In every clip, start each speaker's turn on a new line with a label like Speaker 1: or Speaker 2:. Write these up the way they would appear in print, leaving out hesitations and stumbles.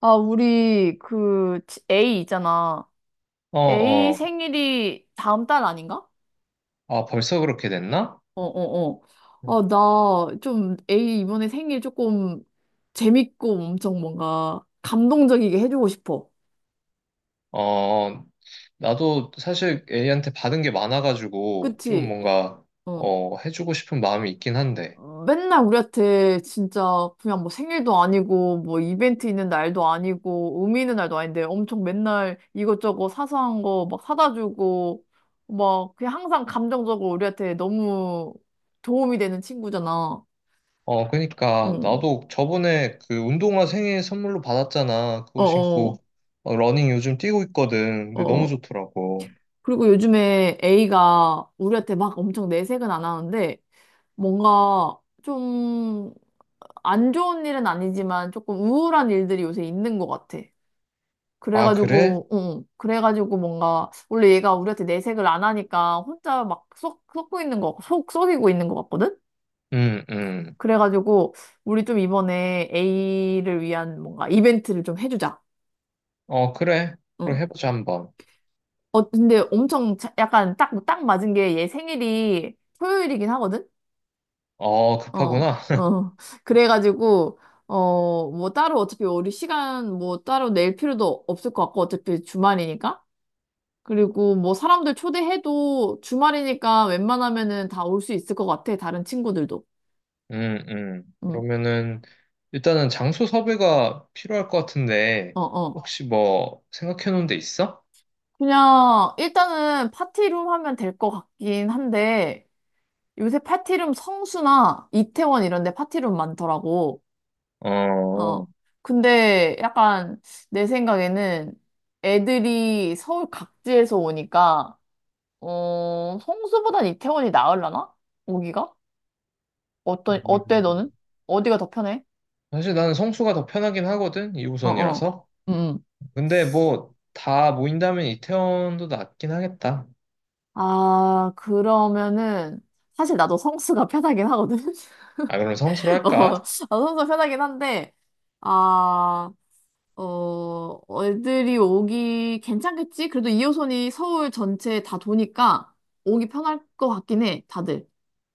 Speaker 1: 아, 우리 A 있잖아.
Speaker 2: 어,
Speaker 1: A
Speaker 2: 어.
Speaker 1: 생일이 다음 달 아닌가?
Speaker 2: 아, 벌써 그렇게 됐나?
Speaker 1: 어, 어, 어.
Speaker 2: 음.
Speaker 1: 어, 나 좀 A 이번에 생일 조금 재밌고 엄청 뭔가 감동적이게 해주고 싶어.
Speaker 2: 어, 나도 사실 A한테 받은 게 많아가지고 좀
Speaker 1: 그치?
Speaker 2: 뭔가
Speaker 1: 어.
Speaker 2: 어, 해주고 싶은 마음이 있긴 한데.
Speaker 1: 어, 맨날 우리한테 진짜 그냥 뭐 생일도 아니고 뭐 이벤트 있는 날도 아니고 의미 있는 날도 아닌데 엄청 맨날 이것저것 사소한 거 막 사다 주고 막 그냥 항상 감정적으로 우리한테 너무 도움이 되는 친구잖아.
Speaker 2: 어, 그러니까
Speaker 1: 응.
Speaker 2: 나도 저번에 그 운동화 생일 선물로 받았잖아. 그거
Speaker 1: 어어.
Speaker 2: 신고 어, 러닝 요즘 뛰고 있거든.
Speaker 1: 어.
Speaker 2: 근데 너무
Speaker 1: 어.
Speaker 2: 좋더라고.
Speaker 1: 그리고 요즘에 A가 우리한테 막 엄청 내색은 안 하는데 뭔가 좀 안 좋은 일은 아니지만 조금 우울한 일들이 요새 있는 것 같아.
Speaker 2: 아, 그래?
Speaker 1: 그래가지고, 응, 그래가지고 뭔가, 원래 얘가 우리한테 내색을 안 하니까 혼자 막 썩고 있는 거, 속 썩이고 있는 것 같거든?
Speaker 2: 응, 응.
Speaker 1: 그래가지고, 우리 좀 이번에 A를 위한 뭔가 이벤트를 좀 해주자.
Speaker 2: 어, 그래. 그럼
Speaker 1: 응.
Speaker 2: 해보자 한번.
Speaker 1: 어, 근데 엄청 약간 딱 맞은 게 얘 생일이 토요일이긴 하거든?
Speaker 2: 어,
Speaker 1: 어,
Speaker 2: 급하구나.
Speaker 1: 어. 그래가지고, 어, 뭐 따로 어차피 우리 시간 뭐 따로 낼 필요도 없을 것 같고, 어차피 주말이니까. 그리고 뭐 사람들 초대해도 주말이니까 웬만하면은 다 올 수 있을 것 같아. 다른 친구들도. 응.
Speaker 2: 그러면은 일단은 장소 섭외가 필요할 것 같은데
Speaker 1: 어, 어.
Speaker 2: 혹시 뭐 생각해 놓은 데 있어?
Speaker 1: 그냥 일단은 파티룸 하면 될 것 같긴 한데 요새 파티룸 성수나 이태원 이런 데 파티룸 많더라고. 어.
Speaker 2: 어.
Speaker 1: 근데 약간 내 생각에는 애들이 서울 각지에서 오니까 어, 성수보단 이태원이 나으려나? 오기가? 어떤 어때
Speaker 2: 음.
Speaker 1: 너는? 어디가 더 편해?
Speaker 2: 사실 나는 성수가 더 편하긴 하거든,
Speaker 1: 어, 어.
Speaker 2: 2호선이라서.
Speaker 1: 응. 응.
Speaker 2: 근데 뭐 다 모인다면 이태원도 낫긴 하겠다.
Speaker 1: 아, 그러면은, 사실 나도 성수가 편하긴 하거든?
Speaker 2: 아, 그럼 성수로
Speaker 1: 어, 나도
Speaker 2: 할까?
Speaker 1: 성수가 편하긴 한데, 아, 어, 애들이 오기 괜찮겠지? 그래도 2호선이 서울 전체 다 도니까 오기 편할 것 같긴 해, 다들.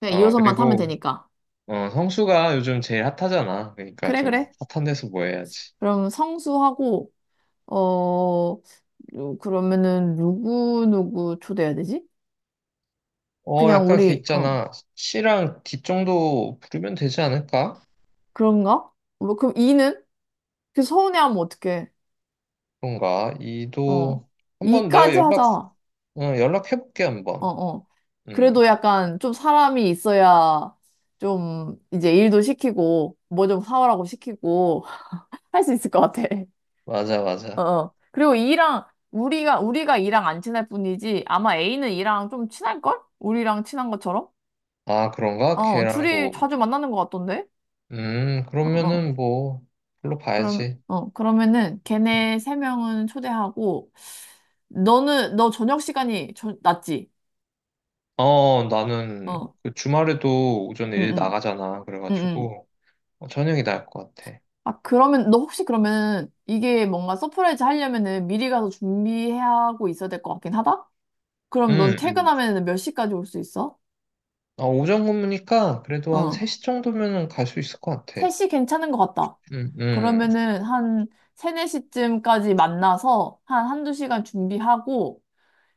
Speaker 1: 그냥
Speaker 2: 어,
Speaker 1: 2호선만 타면
Speaker 2: 그리고
Speaker 1: 되니까.
Speaker 2: 어, 성수가 요즘 제일 핫하잖아. 그러니까
Speaker 1: 그래,
Speaker 2: 좀
Speaker 1: 그래.
Speaker 2: 핫한 데서 뭐 해야지.
Speaker 1: 그럼 성수하고, 어, 그러면은, 누구, 누구 초대해야 되지?
Speaker 2: 어,
Speaker 1: 그냥
Speaker 2: 약간 걔
Speaker 1: 우리, 어,
Speaker 2: 있잖아. C랑 D 정도 부르면 되지 않을까?
Speaker 1: 그런가? 뭐, 그럼 이는? 그 서운해하면 어떡해.
Speaker 2: 그런가?
Speaker 1: 어.
Speaker 2: 이도 한 번 내가
Speaker 1: 이까지
Speaker 2: 연락
Speaker 1: 하자. 어,
Speaker 2: 어, 연락해볼게 한번.
Speaker 1: 어.
Speaker 2: 음.
Speaker 1: 그래도 약간 좀 사람이 있어야 좀 이제 일도 시키고, 뭐 좀 사오라고 시키고, 할 수 있을 것 같아.
Speaker 2: 맞아
Speaker 1: 어,
Speaker 2: 맞아.
Speaker 1: 어. 그리고 이랑, 우리가, 우리가 이랑 안 친할 뿐이지, 아마 A는 이랑 좀 친할걸? 우리랑 친한 것처럼?
Speaker 2: 아, 그런가?
Speaker 1: 어, 둘이
Speaker 2: 걔랑도
Speaker 1: 자주 만나는 것 같던데?
Speaker 2: 음,
Speaker 1: 어, 어.
Speaker 2: 그러면은 뭐 별로
Speaker 1: 그럼,
Speaker 2: 봐야지.
Speaker 1: 어, 그러면은 걔네 세 명은 초대하고, 너는, 너 저녁 시간이 지
Speaker 2: 어, 나는
Speaker 1: 어,
Speaker 2: 그 주말에도 오전에
Speaker 1: 응,
Speaker 2: 일
Speaker 1: 응,
Speaker 2: 나가잖아.
Speaker 1: 응, 응.
Speaker 2: 그래가지고 어, 저녁이 나을 것 같아.
Speaker 1: 아, 그러면, 너 혹시 그러면 이게 뭔가 서프라이즈 하려면은 미리 가서 준비하고 있어야 될 것 같긴 하다? 그럼 넌
Speaker 2: 음, 음.
Speaker 1: 퇴근하면은 몇 시까지 올 수 있어?
Speaker 2: 아, 오전 근무니까 그래도 한
Speaker 1: 어.
Speaker 2: 3시 정도면은 갈 수 있을 것 같아.
Speaker 1: 3시 괜찮은 것 같다.
Speaker 2: 음, 음,
Speaker 1: 그러면은 한 3, 4시쯤까지 만나서 한 한두 시간 준비하고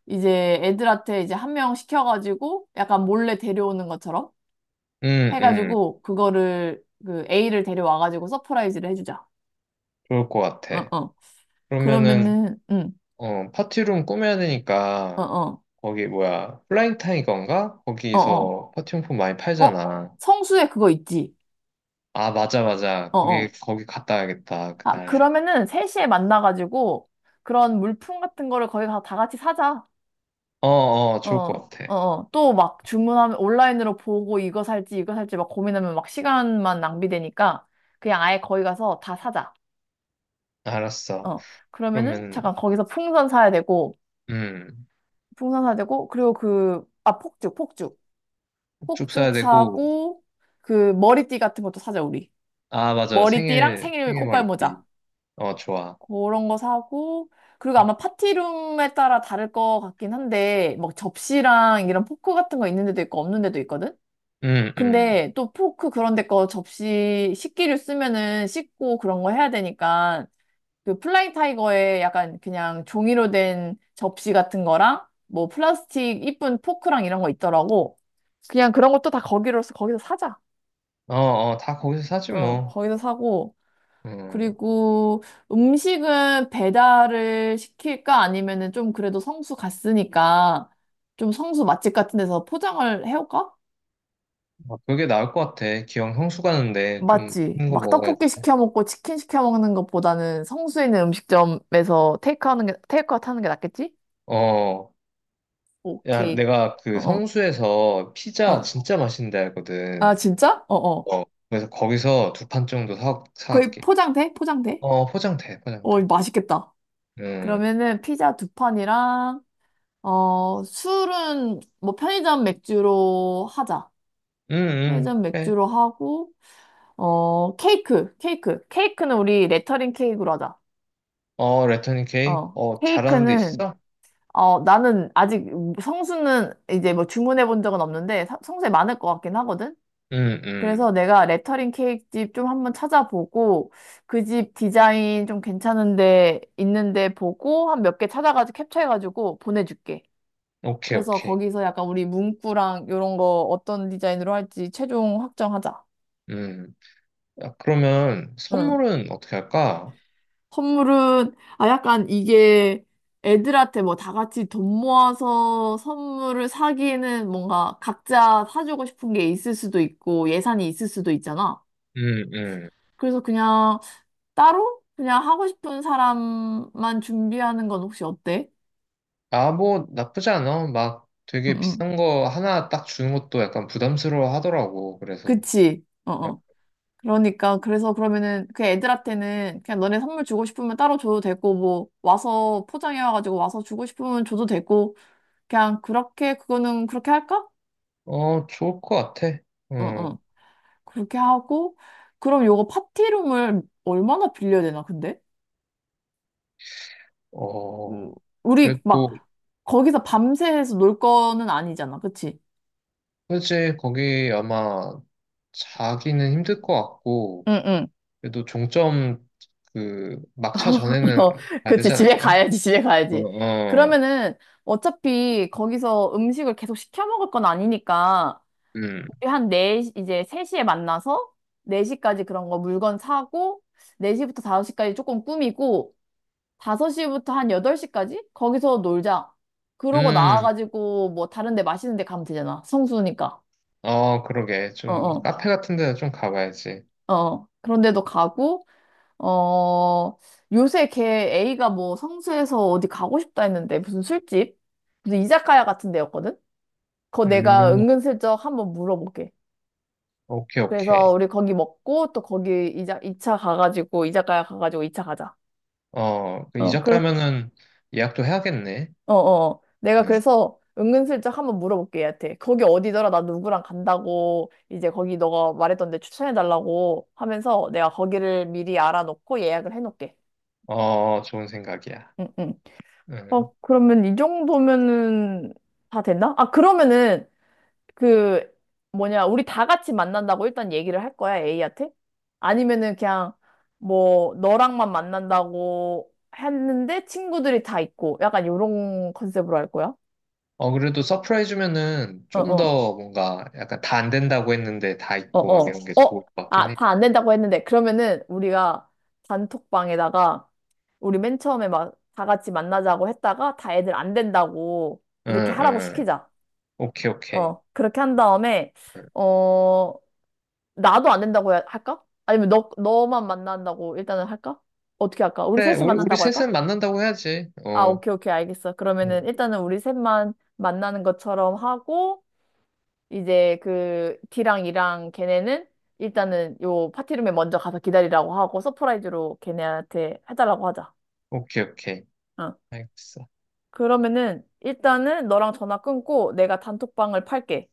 Speaker 1: 이제 애들한테 이제 한 명 시켜가지고 약간 몰래 데려오는 것처럼
Speaker 2: 음, 음.
Speaker 1: 해가지고 그거를 그 A를 데려와가지고 서프라이즈를 해주자.
Speaker 2: 좋을 것
Speaker 1: 어,
Speaker 2: 같아.
Speaker 1: 어.
Speaker 2: 그러면은,
Speaker 1: 그러면은, 응,
Speaker 2: 어, 파티룸 꾸며야
Speaker 1: 어,
Speaker 2: 되니까
Speaker 1: 어,
Speaker 2: 거기 뭐야 플라잉 타이거인가?
Speaker 1: 어, 어.
Speaker 2: 거기서 퍼팅폼 많이
Speaker 1: 어,
Speaker 2: 팔잖아.
Speaker 1: 성수에 그거 있지.
Speaker 2: 아, 맞아 맞아
Speaker 1: 어,
Speaker 2: 거기
Speaker 1: 어.
Speaker 2: 거기 갔다 와야겠다
Speaker 1: 아,
Speaker 2: 그날.
Speaker 1: 그러면은 3시에 만나가지고 그런 물품 같은 거를 거기 가서 다 같이 사자.
Speaker 2: 어어,
Speaker 1: 어,
Speaker 2: 좋을
Speaker 1: 어,
Speaker 2: 것 같아.
Speaker 1: 어. 또 막 주문하면 온라인으로 보고 이거 살지 이거 살지 막 고민하면 막 시간만 낭비되니까 그냥 아예 거기 가서 다 사자.
Speaker 2: 알았어.
Speaker 1: 어. 그러면은
Speaker 2: 그러면
Speaker 1: 잠깐 거기서 풍선 사야 되고
Speaker 2: 음쭉
Speaker 1: 풍선 사야 되고 그리고 그, 아, 폭죽, 폭죽.
Speaker 2: 사야
Speaker 1: 폭죽
Speaker 2: 되고
Speaker 1: 사고 그 머리띠 같은 것도 사자, 우리.
Speaker 2: 아, 맞아
Speaker 1: 머리띠랑
Speaker 2: 생일
Speaker 1: 생일
Speaker 2: 생일
Speaker 1: 꽃갈 모자.
Speaker 2: 머리띠. 어, 좋아.
Speaker 1: 그런 거 사고, 그리고 아마 파티룸에 따라 다를 것 같긴 한데, 막 접시랑 이런 포크 같은 거 있는 데도 있고 없는 데도 있거든?
Speaker 2: 음음어어
Speaker 1: 근데 또 포크 그런 데 거 접시 식기류 쓰면은 씻고 그런 거 해야 되니까, 그 플라잉 타이거에 약간 그냥 종이로 된 접시 같은 거랑, 뭐 플라스틱 이쁜 포크랑 이런 거 있더라고. 그냥 그런 것도 다 거기로서 거기서 사자.
Speaker 2: 다 거기서 사지
Speaker 1: 어,
Speaker 2: 뭐.
Speaker 1: 거기서 사고.
Speaker 2: 음.
Speaker 1: 그리고 음식은 배달을 시킬까 아니면은 좀 그래도 성수 갔으니까 좀 성수 맛집 같은 데서 포장을 해올까?
Speaker 2: 어, 그게 나을 것 같아. 기왕 성수 가는데 좀
Speaker 1: 맞지.
Speaker 2: 큰 거
Speaker 1: 막
Speaker 2: 먹어야지.
Speaker 1: 떡볶이 시켜 먹고 치킨 시켜 먹는 것보다는 성수에 있는 음식점에서 테이크 하는 게, 테이크아웃 하는 게 낫겠지?
Speaker 2: 어. 야,
Speaker 1: 오케이.
Speaker 2: 내가
Speaker 1: 어,
Speaker 2: 그
Speaker 1: 어,
Speaker 2: 성수에서 피자
Speaker 1: 어.
Speaker 2: 진짜 맛있는데
Speaker 1: 아,
Speaker 2: 알거든.
Speaker 1: 진짜? 어, 어.
Speaker 2: 어, 그래서 거기서 두 판 정도 사,
Speaker 1: 거의
Speaker 2: 사갈게.
Speaker 1: 포장돼? 포장돼?
Speaker 2: 어, 포장돼,
Speaker 1: 어,
Speaker 2: 포장돼.
Speaker 1: 이거 맛있겠다.
Speaker 2: 음,
Speaker 1: 그러면은 피자 두 판이랑, 어, 술은 뭐 편의점 맥주로 하자. 회전
Speaker 2: 그래.
Speaker 1: 맥주로 하고, 어, 케이크, 케이크. 케이크는 우리 레터링 케이크로 하자.
Speaker 2: 어, 레터닝 케이크?
Speaker 1: 어,
Speaker 2: 어, 잘하는 데
Speaker 1: 케이크는,
Speaker 2: 있어?
Speaker 1: 어, 나는 아직 성수는 이제 뭐 주문해 본 적은 없는데, 성수에 많을 것 같긴 하거든?
Speaker 2: 음,
Speaker 1: 그래서
Speaker 2: 음.
Speaker 1: 내가 레터링 케이크 집 좀 한번 찾아보고, 그 집 디자인 좀 괜찮은데, 있는데 보고, 한 몇 개 찾아가지고 캡처해가지고 보내줄게.
Speaker 2: 오케이,
Speaker 1: 그래서
Speaker 2: 오케이.
Speaker 1: 거기서 약간 우리 문구랑 이런 거 어떤 디자인으로 할지 최종 확정하자.
Speaker 2: 음. 아, 그러면
Speaker 1: 응.
Speaker 2: 선물은 어떻게 할까?
Speaker 1: 선물은, 아, 약간 이게 애들한테 뭐 다 같이 돈 모아서 선물을 사기에는 뭔가 각자 사주고 싶은 게 있을 수도 있고 예산이 있을 수도 있잖아.
Speaker 2: 음, 음.
Speaker 1: 그래서 그냥 따로 그냥 하고 싶은 사람만 준비하는 건 혹시 어때?
Speaker 2: 아, 뭐, 나쁘지 않아. 막
Speaker 1: 응,
Speaker 2: 되게
Speaker 1: 응.
Speaker 2: 비싼 거 하나 딱 주는 것도 약간 부담스러워 하더라고. 그래서.
Speaker 1: 그치. 어,
Speaker 2: 어,
Speaker 1: 어. 그러니까, 그래서 그러면은 그 애들한테는 그냥 너네 선물 주고 싶으면 따로 줘도 되고, 뭐, 와서 포장해와가지고 와서 주고 싶으면 줘도 되고, 그냥 그렇게, 그거는 그렇게 할까?
Speaker 2: 어, 좋을 것 같아.
Speaker 1: 어,
Speaker 2: 음,
Speaker 1: 어. 그렇게 하고, 그럼 요거 파티룸을 얼마나 빌려야 되나, 근데? 음,
Speaker 2: 어.
Speaker 1: 우리 막,
Speaker 2: 그래도,
Speaker 1: 거기서 밤새서 놀 거는 아니잖아, 그치?
Speaker 2: 그지 거기 아마 자기는 힘들 것 같고,
Speaker 1: 응, 응.
Speaker 2: 그래도 종점 그 막차
Speaker 1: 어,
Speaker 2: 전에는 가야
Speaker 1: 그치.
Speaker 2: 되지
Speaker 1: 집에
Speaker 2: 않을까요?
Speaker 1: 가야지, 집에
Speaker 2: 어,
Speaker 1: 가야지.
Speaker 2: 어,
Speaker 1: 그러면은 어차피 거기서 음식을 계속 시켜 먹을 건 아니니까
Speaker 2: 음,
Speaker 1: 우리 한 네 시 이제 3시에 만나서 4시까지 그런 거 물건 사고 4시부터 5시까지 조금 꾸미고 5시부터 한 8시까지? 거기서 놀자. 그러고
Speaker 2: 음,
Speaker 1: 나와가지고 뭐 다른 데 맛있는 데 가면 되잖아. 성수니까.
Speaker 2: 어, 그러게.
Speaker 1: 어,
Speaker 2: 좀
Speaker 1: 어,
Speaker 2: 카페 같은 데는 좀 가봐야지.
Speaker 1: 어. 그런 데도 가고, 어, 요새 걔 A가 뭐 성수에서 어디 가고 싶다 했는데 무슨 술집? 무슨 이자카야 같은 데였거든? 그거 내가
Speaker 2: 음,
Speaker 1: 은근슬쩍 한번 물어볼게.
Speaker 2: 오케이, 오케이.
Speaker 1: 그래서 우리 거기 먹고 또 거기 2차 가가지고, 이자카야 가가지고 2차 가자.
Speaker 2: 어, 그
Speaker 1: 어,
Speaker 2: 이적
Speaker 1: 그렇
Speaker 2: 가면은 예약도 해야겠네.
Speaker 1: 어어. 내가
Speaker 2: 음,
Speaker 1: 그래서 은근슬쩍 한번 물어볼게, 얘한테. 거기 어디더라? 나 누구랑 간다고. 이제 거기 너가 말했던 데 추천해달라고 하면서 내가 거기를 미리 알아놓고 예약을 해놓을게.
Speaker 2: 어, 좋은 생각이야.
Speaker 1: 응, 응.
Speaker 2: 음.
Speaker 1: 어, 그러면 이 정도면은 다 됐나? 아, 그러면은 그 뭐냐. 우리 다 같이 만난다고 일단 얘기를 할 거야, A한테? 아니면은 그냥 뭐 너랑만 만난다고 했는데 친구들이 다 있고 약간 요런 컨셉으로 할 거야?
Speaker 2: 어, 그래도 서프라이즈면은 좀
Speaker 1: 어어.
Speaker 2: 더 뭔가 약간 다 안 된다고 했는데 다
Speaker 1: 어,
Speaker 2: 있고 막
Speaker 1: 어,
Speaker 2: 이런 게 좋을
Speaker 1: 어,
Speaker 2: 것 같긴
Speaker 1: 아,
Speaker 2: 해.
Speaker 1: 다 안 된다고 했는데, 그러면은 우리가 단톡방에다가 우리 맨 처음에 막 다 같이 만나자고 했다가 다 애들 안 된다고 이렇게
Speaker 2: 응,
Speaker 1: 하라고
Speaker 2: 응.
Speaker 1: 시키자.
Speaker 2: 오케이, 오케이.
Speaker 1: 어, 그렇게 한 다음에,
Speaker 2: 응.
Speaker 1: 어, 나도 안 된다고 할까? 아니면 너, 너만 만난다고 일단은 할까? 어떻게 할까? 우리
Speaker 2: 그래,
Speaker 1: 셋이
Speaker 2: 우리
Speaker 1: 만난다고 할까?
Speaker 2: 셋은 만난다고 해야지.
Speaker 1: 아,
Speaker 2: 어,
Speaker 1: 오케이, 오케이, 알겠어.
Speaker 2: 음,
Speaker 1: 그러면은 일단은 우리 셋만 만나는 것처럼 하고, 이제 그 D랑 E랑 걔네는 일단은 요 파티룸에 먼저 가서 기다리라고 하고 서프라이즈로 걔네한테 해달라고 하자.
Speaker 2: 오케이, 오케이.
Speaker 1: 어.
Speaker 2: 알겠어.
Speaker 1: 그러면은 일단은 너랑 전화 끊고 내가 단톡방을 팔게.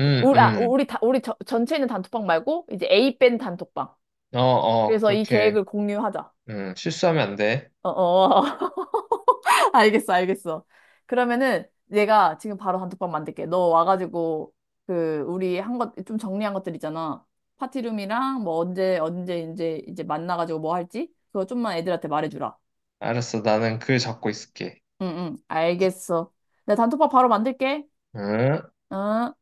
Speaker 1: 그, 우리, 아,
Speaker 2: 응.
Speaker 1: 우리, 다, 우리 전체 있는 단톡방 말고 이제 A 밴 단톡방.
Speaker 2: 어, 어,
Speaker 1: 그래서 이
Speaker 2: 그렇게,
Speaker 1: 계획을 공유하자.
Speaker 2: 응, 실수하면 안 돼.
Speaker 1: 어어. 알겠어, 알겠어. 그러면은 내가 지금 바로 단톡방 만들게. 너 와가지고 그 우리 한 것 좀 정리한 것들 있잖아. 파티룸이랑 뭐 언제 언제 이제 이제 만나가지고 뭐 할지 그거 좀만 애들한테 말해주라.
Speaker 2: 알았어, 나는 글 잡고 있을게.
Speaker 1: 응, 응, 알겠어. 내가 단톡방 바로 만들게.
Speaker 2: 응?
Speaker 1: 응.